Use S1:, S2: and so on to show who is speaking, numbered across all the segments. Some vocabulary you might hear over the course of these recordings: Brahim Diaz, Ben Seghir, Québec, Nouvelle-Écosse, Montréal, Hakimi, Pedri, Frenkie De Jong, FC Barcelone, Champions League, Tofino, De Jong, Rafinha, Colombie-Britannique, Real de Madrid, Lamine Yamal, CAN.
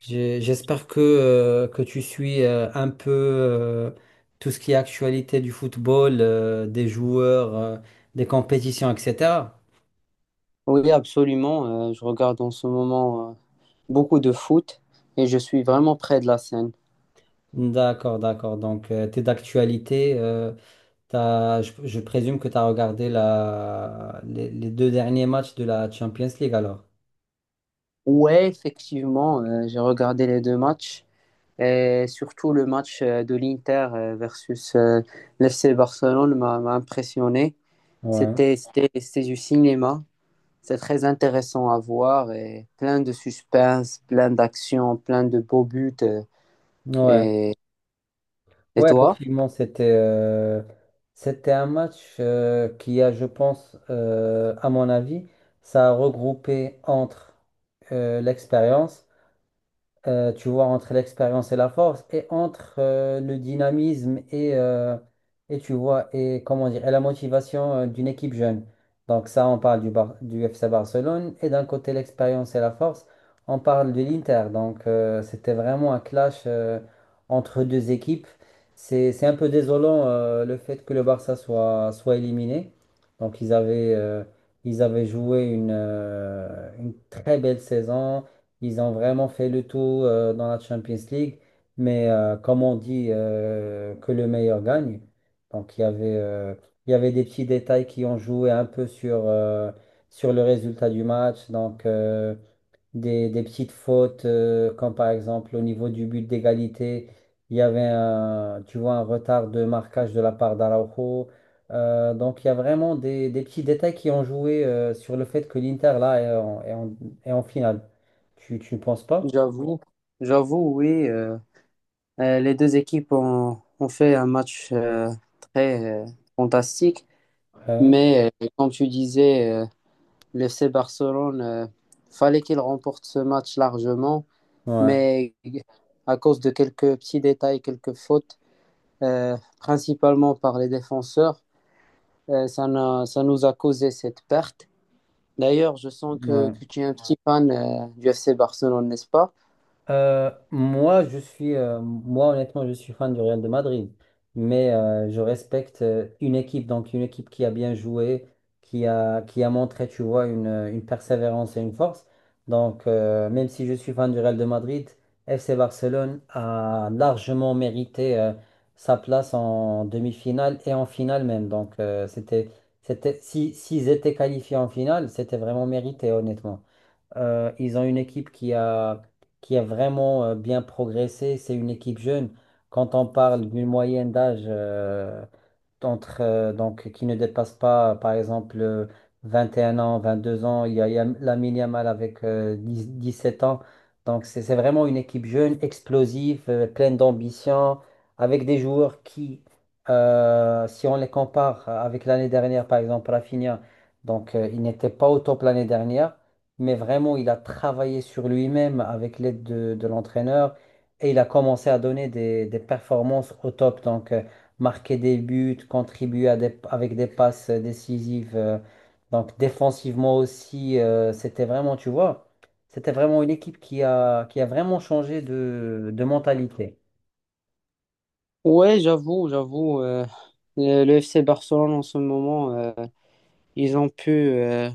S1: J'espère que tu suis un peu tout ce qui est actualité du football, des joueurs, des compétitions, etc.
S2: Oui, absolument. Je regarde en ce moment beaucoup de foot et je suis vraiment près de la scène.
S1: D'accord, d'accord. Donc, tu es d'actualité. Je présume que tu as regardé les deux derniers matchs de la Champions League alors.
S2: Ouais, effectivement, j'ai regardé les deux matchs et surtout le match de l'Inter versus l'FC Barcelone m'a impressionné.
S1: Ouais.
S2: C'était du cinéma. C'est très intéressant à voir et plein de suspense, plein d'action, plein de beaux buts.
S1: Ouais.
S2: et, et
S1: Ouais,
S2: toi?
S1: effectivement, c'était c'était un match qui a, je pense, à mon avis, ça a regroupé entre l'expérience, tu vois, entre l'expérience et la force, et entre le dynamisme et, tu vois, et comment dire, et la motivation d'une équipe jeune. Donc ça, on parle du FC Barcelone, et d'un côté l'expérience et la force, on parle de l'Inter. Donc c'était vraiment un clash entre deux équipes. C'est un peu désolant le fait que le Barça soit éliminé. Donc ils avaient joué une très belle saison. Ils ont vraiment fait le tout dans la Champions League. Mais comme on dit que le meilleur gagne, donc il y avait des petits détails qui ont joué un peu sur le résultat du match. Donc, des petites fautes, comme par exemple au niveau du but d'égalité, il y avait tu vois, un retard de marquage de la part d'Araujo. Donc il y a vraiment des petits détails qui ont joué sur le fait que l'Inter là est en finale. Tu ne penses pas?
S2: J'avoue, J'avoue, oui. Les deux équipes ont fait un match très fantastique,
S1: Ouais,
S2: mais comme tu disais, le FC Barcelone, fallait qu'il remporte ce match largement,
S1: ouais,
S2: mais à cause de quelques petits détails, quelques fautes, principalement par les défenseurs, ça, n'a- ça nous a causé cette perte. D'ailleurs, je sens
S1: ouais.
S2: que tu es un petit fan du FC Barcelone, n'est-ce pas?
S1: Moi, honnêtement, je suis fan du Real de Madrid, mais je respecte donc une équipe qui a bien joué, qui a montré, tu vois, une persévérance et une force. Donc, même si je suis fan du Real de Madrid, FC Barcelone a largement mérité sa place en demi-finale et en finale même. Donc, c'était, c'était, si, s'ils étaient qualifiés en finale, c'était vraiment mérité, honnêtement. Ils ont une équipe qui a vraiment bien progressé. C'est une équipe jeune. Quand on parle d'une moyenne d'âge donc, qui ne dépasse pas, par exemple, 21 ans, 22 ans. Il y a Lamine Yamal avec 10 17 ans. Donc, c'est vraiment une équipe jeune, explosive, pleine d'ambition, avec des joueurs si on les compare avec l'année dernière, par exemple, Rafinha, donc, il n'était pas au top l'année dernière, mais vraiment, il a travaillé sur lui-même avec de l'entraîneur et il a commencé à donner des performances au top. Donc, marquer des buts, avec des passes décisives. Donc défensivement aussi, c'était vraiment, tu vois, c'était vraiment une équipe qui a vraiment changé de mentalité.
S2: Ouais, j'avoue, j'avoue. Le FC Barcelone en ce moment. Ils ont pu,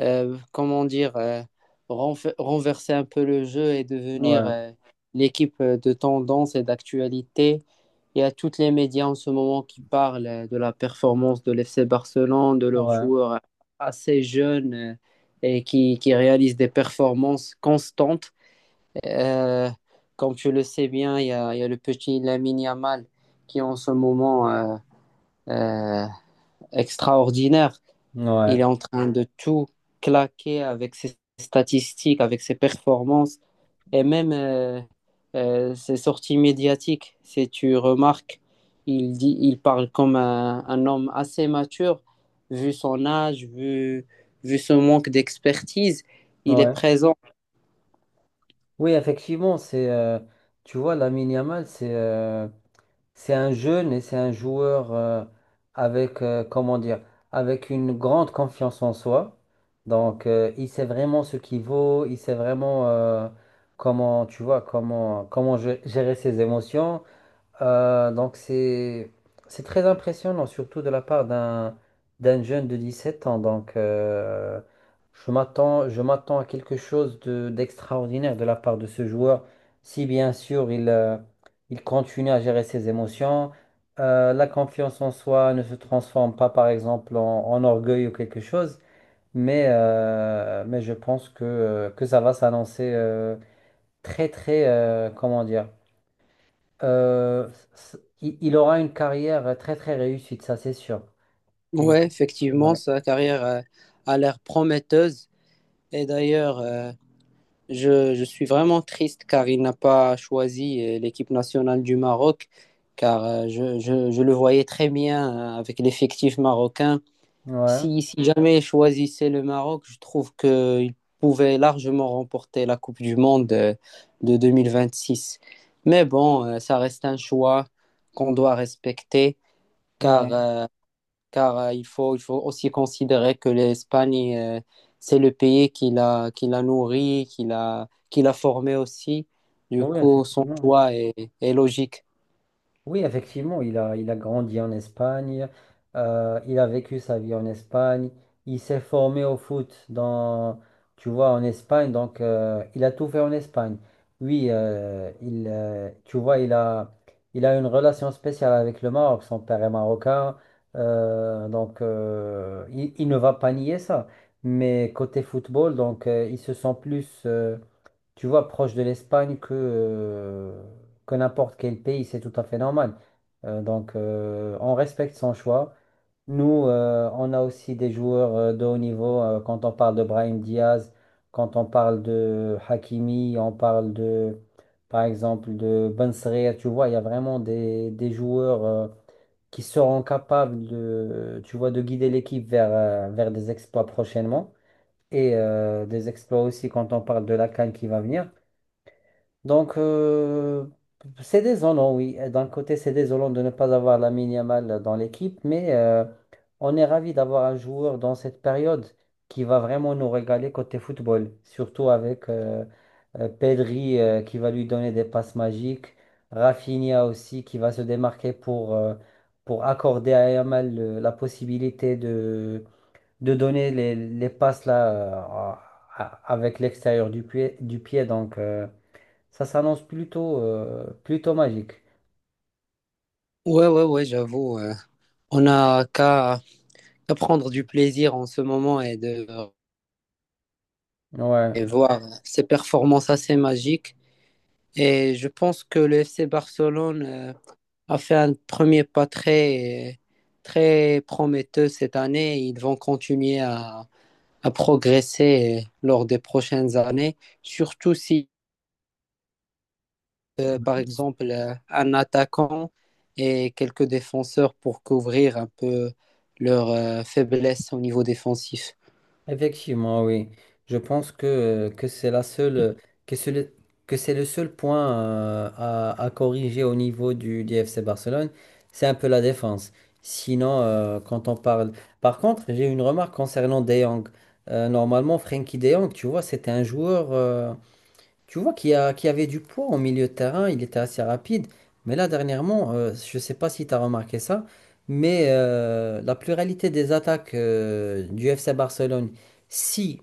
S2: euh, comment dire, euh, renverser un peu le jeu et devenir
S1: Ouais,
S2: l'équipe de tendance et d'actualité. Il y a tous les médias en ce moment qui parlent de la performance de l'FC Barcelone, de leurs
S1: ouais,
S2: joueurs assez jeunes et qui réalisent des performances constantes. Euh, Comme tu le sais bien, il y a le petit Lamine Yamal qui est en ce moment euh, extraordinaire. Il est
S1: ouais,
S2: en train de tout claquer avec ses statistiques, avec ses performances et même ses sorties médiatiques. Si tu remarques, il parle comme un homme assez mature, vu son âge, vu ce manque d'expertise. Il est
S1: ouais.
S2: présent.
S1: Oui, effectivement, tu vois, Lamine Yamal, c'est un jeune et c'est un joueur comment dire, avec une grande confiance en soi. Donc, il sait vraiment ce qu'il vaut, il sait vraiment comment, tu vois, comment, comment gérer ses émotions. Euh, donc c'est c'est très impressionnant, surtout de la part d'un jeune de 17 ans. Donc je m'attends à quelque chose de d'extraordinaire de la part de ce joueur, si bien sûr il continue à gérer ses émotions. La confiance en soi ne se transforme pas par exemple en, en orgueil ou quelque chose, mais je pense que ça va s'annoncer très très, euh, c- il il aura une carrière très très réussie, ça c'est sûr.
S2: Ouais, effectivement,
S1: Ouais,
S2: sa carrière a l'air prometteuse. Et d'ailleurs, je suis vraiment triste car il n'a pas choisi l'équipe nationale du Maroc, car je le voyais très bien avec l'effectif marocain.
S1: ouais,
S2: Si jamais il choisissait le Maroc, je trouve qu'il pouvait largement remporter la Coupe du Monde de 2026. Mais bon, ça reste un choix qu'on doit respecter, car
S1: ouais.
S2: euh, car il faut aussi considérer que l'Espagne, c'est le pays qui qui l'a nourri, qui l'a formé aussi. Du
S1: Bon, oui,
S2: coup, son
S1: effectivement.
S2: choix est logique.
S1: Oui, effectivement, il a grandi en Espagne, il a vécu sa vie en Espagne, il s'est formé au foot dans, tu vois, en Espagne, donc il a tout fait en Espagne. Oui, il, tu vois, il a une relation spéciale avec le Maroc, son père est marocain, il ne va pas nier ça. Mais côté football, donc il se sent plus, tu vois, proche de l'Espagne que n'importe quel pays, c'est tout à fait normal. On respecte son choix. Nous, on a aussi des joueurs de haut niveau. Quand on parle de Brahim Diaz, quand on parle de Hakimi, on parle par exemple, de Ben Seghir, tu vois, il y a vraiment des joueurs qui seront capables de, tu vois, de guider l'équipe vers des exploits prochainement et des exploits aussi quand on parle de la CAN qui va venir. Donc, c'est désolant, oui. D'un côté, c'est désolant de ne pas avoir la Yamal dans l'équipe, mais on est ravi d'avoir un joueur dans cette période qui va vraiment nous régaler côté football, surtout avec Pedri qui va lui donner des passes magiques, Rafinha aussi qui va se démarquer pour accorder à Yamal la possibilité de donner les passes là, avec l'extérieur du pied. Donc, ça s'annonce plutôt, plutôt magique.
S2: Ouais, ouais, ouais, j'avoue. On n'a qu'à prendre du plaisir en ce moment et de
S1: Ouais,
S2: et voir ses performances assez magiques. Et je pense que le FC Barcelone a fait un premier pas très prometteur cette année. Ils vont continuer à progresser lors des prochaines années, surtout si, par exemple, un attaquant et quelques défenseurs pour couvrir un peu leur faiblesse au niveau défensif.
S1: effectivement, oui. Je pense que c'est la seule, que c'est le, que c'est le seul point à corriger au niveau du FC Barcelone, c'est un peu la défense. Sinon, quand on parle. Par contre, j'ai une remarque concernant De Jong. Normalement, Frenkie De Jong, tu vois, c'était un joueur. Tu vois qu'il y avait du poids au milieu de terrain, il était assez rapide. Mais là, dernièrement, je ne sais pas si tu as remarqué ça, mais la pluralité des attaques du FC Barcelone, si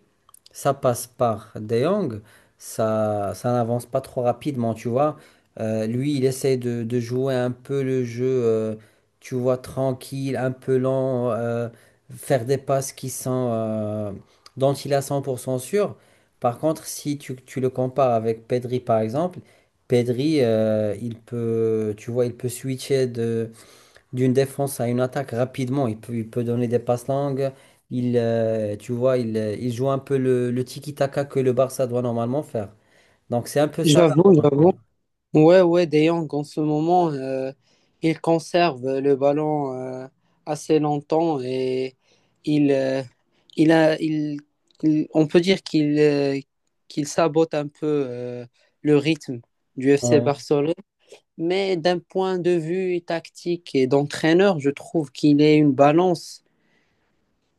S1: ça passe par De Jong, ça n'avance pas trop rapidement, tu vois. Lui, il essaie de jouer un peu le jeu, tu vois, tranquille, un peu lent, faire des passes dont il a 100% sûr. Par contre, si tu, tu le compares avec Pedri, par exemple, Pedri, il peut, tu vois, il peut switcher d'une défense à une attaque rapidement. Il peut donner des passes longues. Il, tu vois, il, Il joue un peu le tiki-taka que le Barça doit normalement faire. Donc, c'est un peu ça la
S2: J'avoue,
S1: remarque.
S2: j'avoue. Ouais, ouais, De Jong, en ce moment, il conserve le ballon assez longtemps et il, euh, il a, il, il- on peut dire qu'il sabote un peu le rythme du FC
S1: Ouais,
S2: Barcelone. Mais d'un point de vue tactique et d'entraîneur, je trouve qu'il est une balance.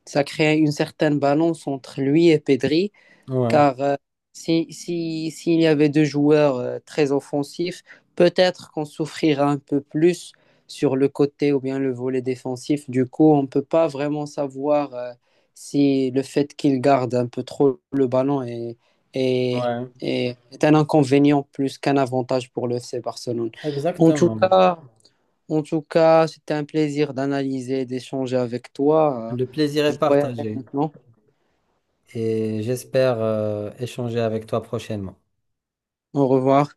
S2: Ça crée une certaine balance entre lui et Pedri,
S1: ouais,
S2: car s'il y avait deux joueurs très offensifs, peut-être qu'on souffrira un peu plus sur le côté ou bien le volet défensif. Du coup, on ne peut pas vraiment savoir si le fait qu'il garde un peu trop le ballon est,
S1: ouais.
S2: est un inconvénient plus qu'un avantage pour le FC Barcelone. En tout
S1: Exactement.
S2: cas, en tout cas, c'était un plaisir d'analyser, d'échanger avec toi.
S1: Le plaisir
S2: Je
S1: est
S2: dois y aller
S1: partagé.
S2: maintenant.
S1: Et j'espère, échanger avec toi prochainement.
S2: Au revoir.